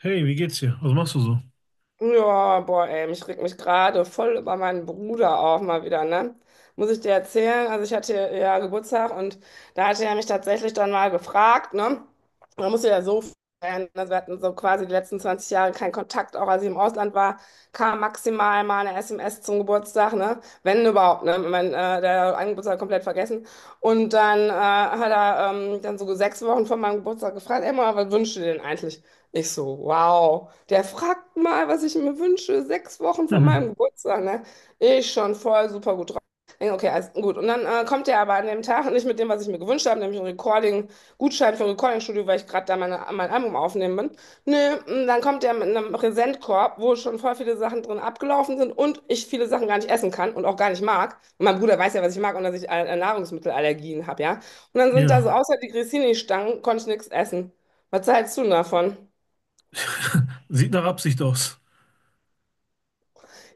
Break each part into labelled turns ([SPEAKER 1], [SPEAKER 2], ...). [SPEAKER 1] Hey, wie geht's dir? Was machst du so?
[SPEAKER 2] Ja, boah, ey, ich reg mich gerade voll über meinen Bruder auf, mal wieder, ne? Muss ich dir erzählen? Also ich hatte ja Geburtstag und da hatte er mich tatsächlich dann mal gefragt, ne? Man muss sich ja so vorstellen, also wir hatten so quasi die letzten 20 Jahre keinen Kontakt, auch als ich im Ausland war, kam maximal mal eine SMS zum Geburtstag, ne? Wenn überhaupt, ne? Ich mein, der einen Geburtstag komplett vergessen. Und dann hat er dann so 6 Wochen vor meinem Geburtstag gefragt, ey, Mama, was wünschst du dir denn eigentlich? Ich so, wow, der fragt mal, was ich mir wünsche, 6 Wochen vor
[SPEAKER 1] Mhm.
[SPEAKER 2] meinem Geburtstag, ne? Ich schon voll super gut drauf. Denk, okay, alles gut. Und dann kommt er aber an dem Tag nicht mit dem, was ich mir gewünscht habe, nämlich ein Recording, Gutschein für ein Recording-Studio, weil ich gerade da mein Album aufnehmen bin. Nö, und dann kommt er mit einem Präsentkorb, wo schon voll viele Sachen drin abgelaufen sind und ich viele Sachen gar nicht essen kann und auch gar nicht mag. Und mein Bruder weiß ja, was ich mag und dass ich Nahrungsmittelallergien habe, ja? Und dann sind da so
[SPEAKER 1] Ja.
[SPEAKER 2] außer die Grissini-Stangen, konnte ich nichts essen. Was hältst du denn davon?
[SPEAKER 1] Sieht nach Absicht aus.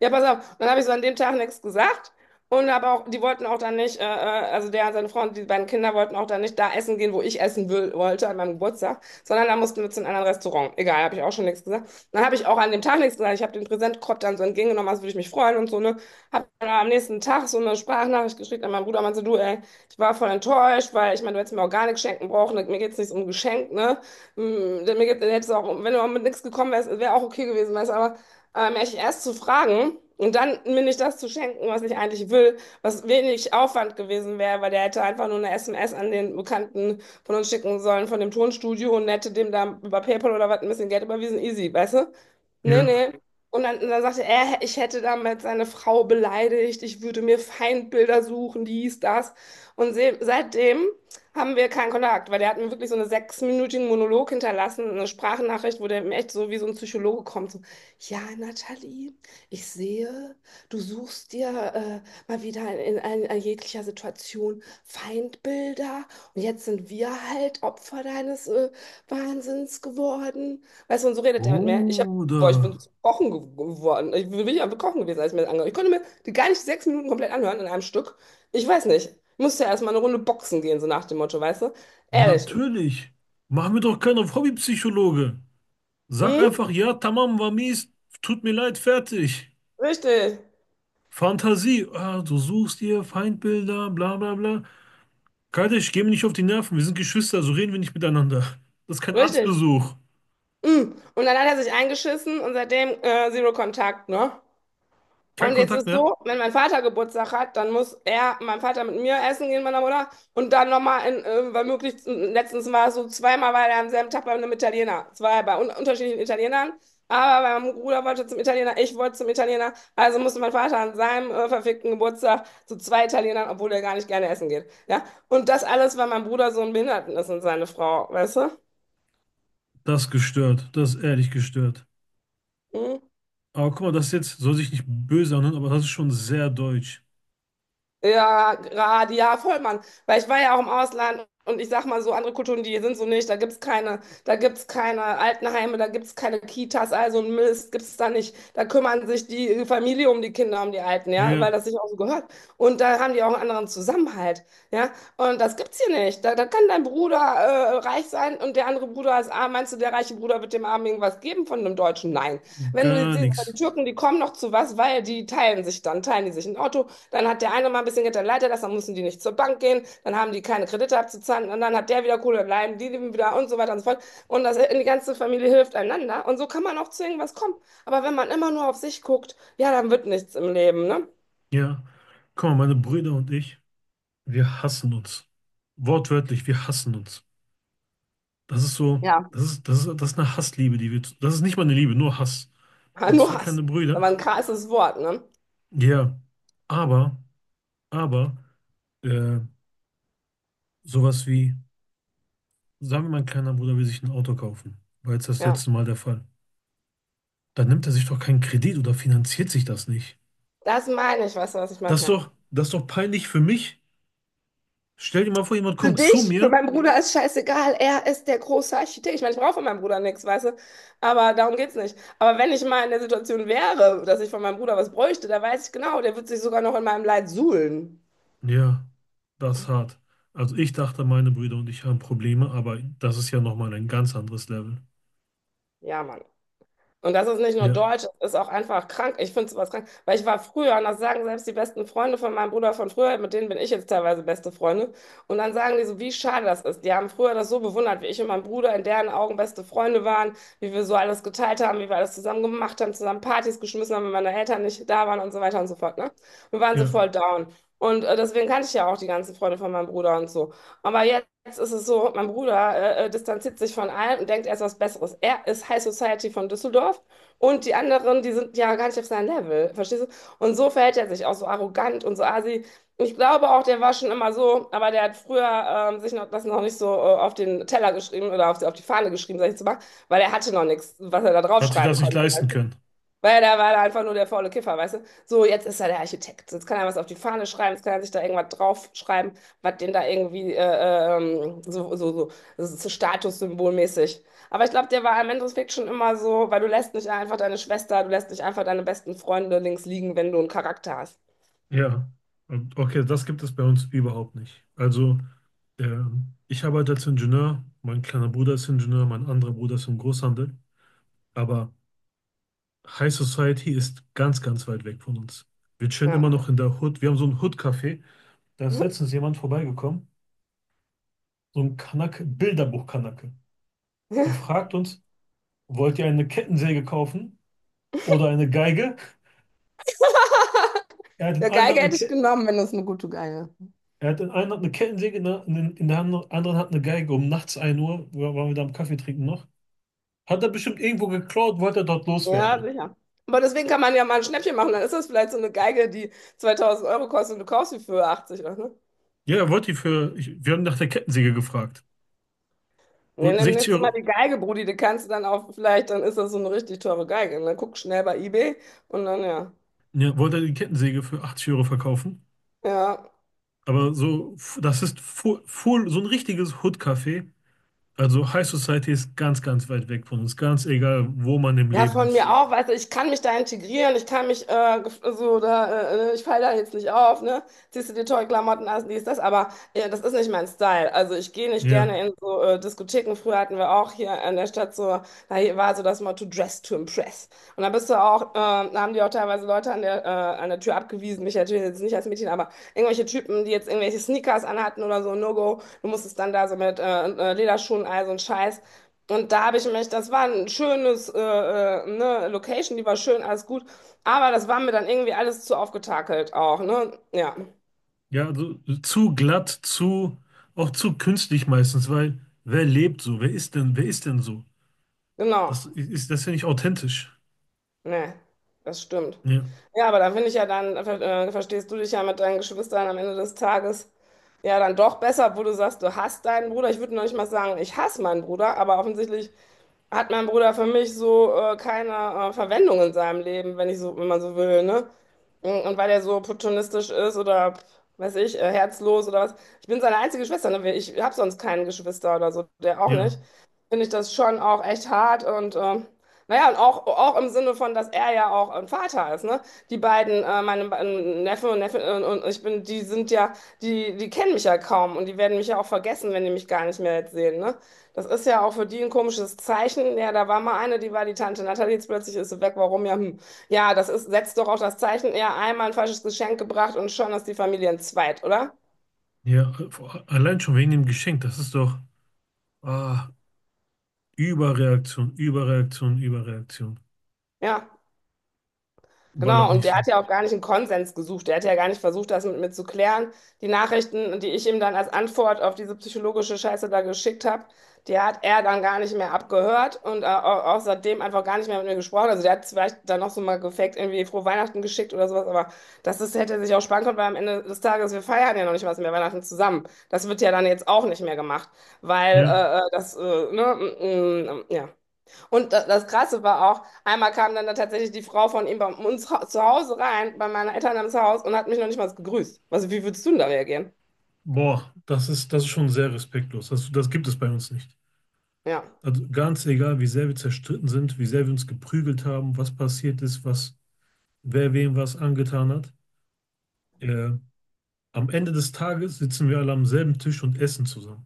[SPEAKER 2] Ja, pass auf. Dann habe ich so an dem Tag nichts gesagt. Und aber auch, die wollten auch dann nicht, also der und seine Frau und die beiden Kinder wollten auch dann nicht da essen gehen, wo ich essen will, wollte an meinem Geburtstag, sondern da mussten wir zu einem anderen Restaurant. Egal, habe ich auch schon nichts gesagt. Dann habe ich auch an dem Tag nichts gesagt. Ich habe den Präsentkorb dann so entgegengenommen, als würde ich mich freuen und so, ne? Habe dann am nächsten Tag so eine Sprachnachricht geschickt an meinen Bruder, meinte, du, ey, ich war voll enttäuscht, weil ich meine, du hättest mir auch gar nichts schenken brauchen, mir geht's nicht um Geschenk, ne? Mir geht, hättest du auch, wenn du auch mit nichts gekommen wärst, wäre auch okay gewesen, weißt du, aber mich erst zu fragen und dann mir nicht das zu schenken, was ich eigentlich will, was wenig Aufwand gewesen wäre, weil der hätte einfach nur eine SMS an den Bekannten von uns schicken sollen, von dem Tonstudio und hätte dem da über PayPal oder was ein bisschen Geld überwiesen, easy, weißt du? Nee,
[SPEAKER 1] Ja.
[SPEAKER 2] nee. Und dann sagte er, ich hätte damit seine Frau beleidigt, ich würde mir Feindbilder suchen, dies, das. Und se seitdem haben wir keinen Kontakt, weil der hat mir wirklich so einen sechsminütigen Monolog hinterlassen, eine Sprachnachricht, wo der mir echt so wie so ein Psychologe kommt. So, ja, Nathalie, ich sehe, du suchst dir mal wieder in jeglicher Situation Feindbilder und jetzt sind wir halt Opfer deines Wahnsinns geworden. Weißt du, und so redet er mit mir. Ich hab, boah, ich
[SPEAKER 1] Bruder,
[SPEAKER 2] bin zu Kochen geworden. Ich bin ja am Kochen gewesen, als ich mir das angehört. Ich konnte mir die gar nicht 6 Minuten komplett anhören in einem Stück. Ich weiß nicht. Ich musste ja erstmal eine Runde boxen gehen, so nach dem Motto, weißt du? Ehrlich.
[SPEAKER 1] natürlich. Mach mir doch keinen auf Hobbypsychologe. Sag
[SPEAKER 2] Hm?
[SPEAKER 1] einfach, ja, tamam, war mies, tut mir leid, fertig.
[SPEAKER 2] Richtig.
[SPEAKER 1] Fantasie, du suchst dir Feindbilder, bla bla bla. Kardeş, geh mir nicht auf die Nerven, wir sind Geschwister, so reden wir nicht miteinander. Das ist kein
[SPEAKER 2] Richtig.
[SPEAKER 1] Arztbesuch.
[SPEAKER 2] Mm. Und dann hat er sich eingeschissen und seitdem Zero Kontakt, ne?
[SPEAKER 1] Kein
[SPEAKER 2] Und jetzt
[SPEAKER 1] Kontakt
[SPEAKER 2] ist
[SPEAKER 1] mehr.
[SPEAKER 2] so, wenn mein Vater Geburtstag hat, dann muss er, mein Vater mit mir essen gehen, meiner Mutter, und dann nochmal in, weil möglichst, letztens war es so zweimal, weil er am selben Tag bei einem Italiener, es war ja bei un unterschiedlichen Italienern, aber bei meinem Bruder wollte zum Italiener, ich wollte zum Italiener, also musste mein Vater an seinem verfickten Geburtstag zu zwei Italienern, obwohl er gar nicht gerne essen geht, ja? Und das alles, weil mein Bruder so ein Behinderten ist und seine Frau, weißt du?
[SPEAKER 1] Das ist gestört, das ist ehrlich gestört.
[SPEAKER 2] Hm?
[SPEAKER 1] Aber guck mal, das ist jetzt, soll sich nicht böse anhören, aber das ist schon sehr deutsch.
[SPEAKER 2] Ja, gerade, ja, voll, Mann. Weil ich war ja auch im Ausland und ich sag mal so, andere Kulturen, die sind so nicht, da gibt's keine Altenheime, da gibt's keine Kitas, also ein Mist gibt's da nicht. Da kümmern sich die Familie um die Kinder, um die Alten, ja, weil das
[SPEAKER 1] Ja,
[SPEAKER 2] sich auch so gehört. Und da haben die auch einen anderen Zusammenhalt, ja. Und das gibt's hier nicht. Da kann dein Bruder reich sein und der andere Bruder ist arm. Meinst du, der reiche Bruder wird dem Armen irgendwas geben von einem Deutschen? Nein. Wenn du jetzt
[SPEAKER 1] gar
[SPEAKER 2] siehst, aber die
[SPEAKER 1] nichts.
[SPEAKER 2] Türken, die kommen noch zu was, weil die teilen sich dann, teilen die sich ein Auto, dann hat der eine mal ein bisschen Geld, dann leiht das, dann müssen die nicht zur Bank gehen, dann haben die keine Kredite abzuzahlen und dann hat der wieder Kohle, dann leiden die leben wieder und so weiter und so fort. Und das, die ganze Familie hilft einander und so kann man auch zu irgendwas kommen. Aber wenn man immer nur auf sich guckt, ja, dann wird nichts im Leben, ne?
[SPEAKER 1] Ja. Guck mal, meine Brüder und ich, wir hassen uns. Wortwörtlich, wir hassen uns. Das ist so,
[SPEAKER 2] Ja.
[SPEAKER 1] das ist eine Hassliebe, das ist nicht mal eine Liebe, nur Hass. Ich
[SPEAKER 2] Ja,
[SPEAKER 1] habe
[SPEAKER 2] nur
[SPEAKER 1] zwei
[SPEAKER 2] Hass.
[SPEAKER 1] kleine Brüder.
[SPEAKER 2] Aber ein krasses Wort, ne?
[SPEAKER 1] Ja. Aber, aber, äh, sowas wie, sagen wir, mein kleiner Bruder will sich ein Auto kaufen. War jetzt das
[SPEAKER 2] Ja,
[SPEAKER 1] letzte Mal der Fall. Dann nimmt er sich doch keinen Kredit oder finanziert sich das nicht.
[SPEAKER 2] das meine ich, weißt du, was ich meine? Ja.
[SPEAKER 1] Das ist doch peinlich für mich. Stell dir mal vor, jemand
[SPEAKER 2] Für
[SPEAKER 1] kommt zu
[SPEAKER 2] dich, für
[SPEAKER 1] mir.
[SPEAKER 2] meinen Bruder ist scheißegal, er ist der große Architekt. Ich meine, ich brauche von meinem Bruder nichts, weißt du? Aber darum geht's nicht. Aber wenn ich mal in der Situation wäre, dass ich von meinem Bruder was bräuchte, da weiß ich genau, der wird sich sogar noch in meinem Leid suhlen.
[SPEAKER 1] Ja, das ist hart. Also ich dachte, meine Brüder und ich haben Probleme, aber das ist ja nochmal ein ganz anderes Level.
[SPEAKER 2] Ja, Mann. Und das ist nicht nur
[SPEAKER 1] Ja,
[SPEAKER 2] deutsch, das ist auch einfach krank. Ich finde sowas krank, weil ich war früher, und das sagen selbst die besten Freunde von meinem Bruder von früher, mit denen bin ich jetzt teilweise beste Freunde. Und dann sagen die so, wie schade das ist. Die haben früher das so bewundert, wie ich und mein Bruder in deren Augen beste Freunde waren, wie wir so alles geteilt haben, wie wir alles zusammen gemacht haben, zusammen Partys geschmissen haben, wenn meine Eltern nicht da waren und so weiter und so fort. Ne? Wir waren so voll
[SPEAKER 1] ja.
[SPEAKER 2] down. Und deswegen kannte ich ja auch die ganzen Freunde von meinem Bruder und so. Aber jetzt ist es so, mein Bruder distanziert sich von allem und denkt, er ist was Besseres. Er ist High Society von Düsseldorf und die anderen, die sind ja gar nicht auf seinem Level, verstehst du? Und so verhält er sich auch so arrogant und so assi. Ich glaube auch, der war schon immer so, aber der hat früher sich noch, das noch nicht so auf den Teller geschrieben oder auf die Fahne geschrieben, sag ich zu machen, weil er hatte noch nichts, was er da
[SPEAKER 1] Hat sich
[SPEAKER 2] draufschreiben
[SPEAKER 1] das nicht
[SPEAKER 2] konnte.
[SPEAKER 1] leisten können.
[SPEAKER 2] Weil da war er einfach nur der faule Kiffer, weißt du? So, jetzt ist er der Architekt. Jetzt kann er was auf die Fahne schreiben, jetzt kann er sich da irgendwas draufschreiben, was den da irgendwie das ist so statussymbolmäßig. Aber ich glaube, der war im Endeffekt schon immer so, weil du lässt nicht einfach deine Schwester, du lässt nicht einfach deine besten Freunde links liegen, wenn du einen Charakter hast.
[SPEAKER 1] Ja. Und okay, das gibt es bei uns überhaupt nicht. Also, ich arbeite als Ingenieur, mein kleiner Bruder ist Ingenieur, mein anderer Bruder ist im Großhandel. Aber High Society ist ganz, ganz weit weg von uns. Wir chillen
[SPEAKER 2] Ja.
[SPEAKER 1] immer noch in der Hood. Wir haben so ein Hood-Café. Da ist letztens jemand vorbeigekommen. So ein Kanake, Bilderbuch-Kanake. Er fragt uns, wollt ihr eine Kettensäge kaufen oder eine Geige? Er hat in
[SPEAKER 2] Ja,
[SPEAKER 1] einer
[SPEAKER 2] Geige
[SPEAKER 1] Hand eine,
[SPEAKER 2] hätte ich
[SPEAKER 1] Ke
[SPEAKER 2] genommen, wenn das eine gute Geige.
[SPEAKER 1] er hat in einer Hand eine Kettensäge, in der anderen Hand eine Geige. Um nachts ein Uhr waren wir da am Kaffee trinken noch. Hat er bestimmt irgendwo geklaut, wollte er dort
[SPEAKER 2] Ja,
[SPEAKER 1] loswerden.
[SPEAKER 2] sicher. Aber deswegen kann man ja mal ein Schnäppchen machen. Dann ist das vielleicht so eine Geige, die 2000 Euro kostet und du kaufst sie für 80, oder? So, ne?
[SPEAKER 1] Ja, er wollte die für, ich, wir haben nach der Kettensäge gefragt.
[SPEAKER 2] Nee,
[SPEAKER 1] Wollte
[SPEAKER 2] nimm
[SPEAKER 1] 60
[SPEAKER 2] nächstes Mal
[SPEAKER 1] Euro,
[SPEAKER 2] die Geige, Brudi, die kannst du dann auch vielleicht, dann ist das so eine richtig teure Geige. Ne? Guck schnell bei eBay und dann ja.
[SPEAKER 1] ja, wollte er die Kettensäge für 80 € verkaufen.
[SPEAKER 2] Ja.
[SPEAKER 1] Das ist full, so ein richtiges Hood-Café. Also High Society ist ganz, ganz weit weg von uns, ganz egal, wo man im
[SPEAKER 2] Ja,
[SPEAKER 1] Leben
[SPEAKER 2] von
[SPEAKER 1] ist.
[SPEAKER 2] mir auch, weißt du, ich kann mich da integrieren, ich kann mich so da, ich falle da jetzt nicht auf, ne? Ziehst du dir tolle Klamotten an, dies, das, aber das ist nicht mein Style. Also ich gehe nicht gerne
[SPEAKER 1] Ja.
[SPEAKER 2] in so Diskotheken. Früher hatten wir auch hier in der Stadt so, da hier war so das Motto Dress to Impress. Und da bist du auch, da haben die auch teilweise Leute an der Tür abgewiesen, mich natürlich jetzt nicht als Mädchen, aber irgendwelche Typen, die jetzt irgendwelche Sneakers anhatten oder so, No-Go, du musstest dann da so mit Lederschuhen, all so ein Scheiß. Und da habe ich mich, das war ein schönes, ne, Location, die war schön, alles gut. Aber das war mir dann irgendwie alles zu aufgetakelt auch, ne? Ja,
[SPEAKER 1] Ja, also zu glatt, zu, auch zu künstlich meistens, weil wer lebt so? Wer ist denn so?
[SPEAKER 2] genau.
[SPEAKER 1] Das ist ja nicht authentisch.
[SPEAKER 2] Ne, das stimmt.
[SPEAKER 1] Ja,
[SPEAKER 2] Ja, aber da finde ich ja dann, verstehst du dich ja mit deinen Geschwistern am Ende des Tages ja dann doch besser, wo du sagst, du hasst deinen Bruder. Ich würde noch nicht mal sagen, ich hasse meinen Bruder, aber offensichtlich hat mein Bruder für mich so keine Verwendung in seinem Leben, wenn ich so, wenn man so will, ne? Und weil er so opportunistisch ist oder weiß ich, herzlos oder was. Ich bin seine einzige Schwester, ne? Ich habe sonst keinen Geschwister oder so, der auch nicht.
[SPEAKER 1] ja,
[SPEAKER 2] Finde ich das schon auch echt hart und naja, und auch im Sinne von, dass er ja auch ein Vater ist, ne? Die beiden, meine Neffe und Neffe und ich bin, die sind ja, die kennen mich ja kaum und die werden mich ja auch vergessen, wenn die mich gar nicht mehr jetzt sehen, ne? Das ist ja auch für die ein komisches Zeichen. Ja, da war mal eine, die war die Tante Natalie, jetzt plötzlich ist sie weg. Warum? Ja, hm. Ja, das ist, setzt doch auch das Zeichen, ja, einmal ein falsches Geschenk gebracht und schon ist die Familie entzweit, oder?
[SPEAKER 1] ja. Allein schon wegen dem Geschenk, das ist doch, ah, Überreaktion, Überreaktion, Überreaktion.
[SPEAKER 2] Ja. Genau,
[SPEAKER 1] Ballert
[SPEAKER 2] und
[SPEAKER 1] nicht
[SPEAKER 2] der
[SPEAKER 1] so.
[SPEAKER 2] hat ja auch gar nicht einen Konsens gesucht. Der hat ja gar nicht versucht, das mit mir zu klären. Die Nachrichten, die ich ihm dann als Antwort auf diese psychologische Scheiße da geschickt habe, die hat er dann gar nicht mehr abgehört und außerdem einfach gar nicht mehr mit mir gesprochen. Also der hat vielleicht dann noch so mal gefaked, irgendwie frohe Weihnachten geschickt oder sowas, aber das ist, hätte er sich auch sparen können, weil am Ende des Tages, wir feiern ja noch nicht was mehr Weihnachten zusammen. Das wird ja dann jetzt auch nicht mehr gemacht, weil
[SPEAKER 1] Ja.
[SPEAKER 2] das, ne, mm, mm, ja. Und das Krasse war auch, einmal kam dann da tatsächlich die Frau von ihm bei uns zu Hause rein, bei meinen Eltern ins Haus und hat mich noch nicht mal gegrüßt. Also, wie würdest du denn da reagieren?
[SPEAKER 1] Boah, das ist schon sehr respektlos. Das gibt es bei uns nicht.
[SPEAKER 2] Ja,
[SPEAKER 1] Also ganz egal, wie sehr wir zerstritten sind, wie sehr wir uns geprügelt haben, was passiert ist, was, wer wem was angetan hat. Ja. Am Ende des Tages sitzen wir alle am selben Tisch und essen zusammen.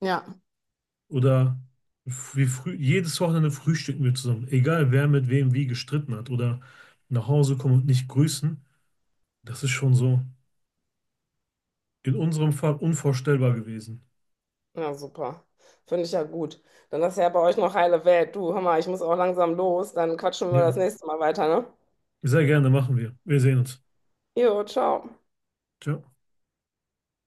[SPEAKER 2] ja,
[SPEAKER 1] Oder wie früh, jedes Wochenende frühstücken wir zusammen. Egal, wer mit wem wie gestritten hat oder nach Hause kommen und nicht grüßen. Das ist schon so in unserem Fall unvorstellbar gewesen.
[SPEAKER 2] ja, super. Finde ich ja gut. Dann ist ja bei euch noch heile Welt. Du, hör mal, ich muss auch langsam los. Dann quatschen wir das
[SPEAKER 1] Ja,
[SPEAKER 2] nächste Mal weiter, ne?
[SPEAKER 1] sehr gerne machen wir. Wir sehen uns.
[SPEAKER 2] Jo, ciao.
[SPEAKER 1] Ciao.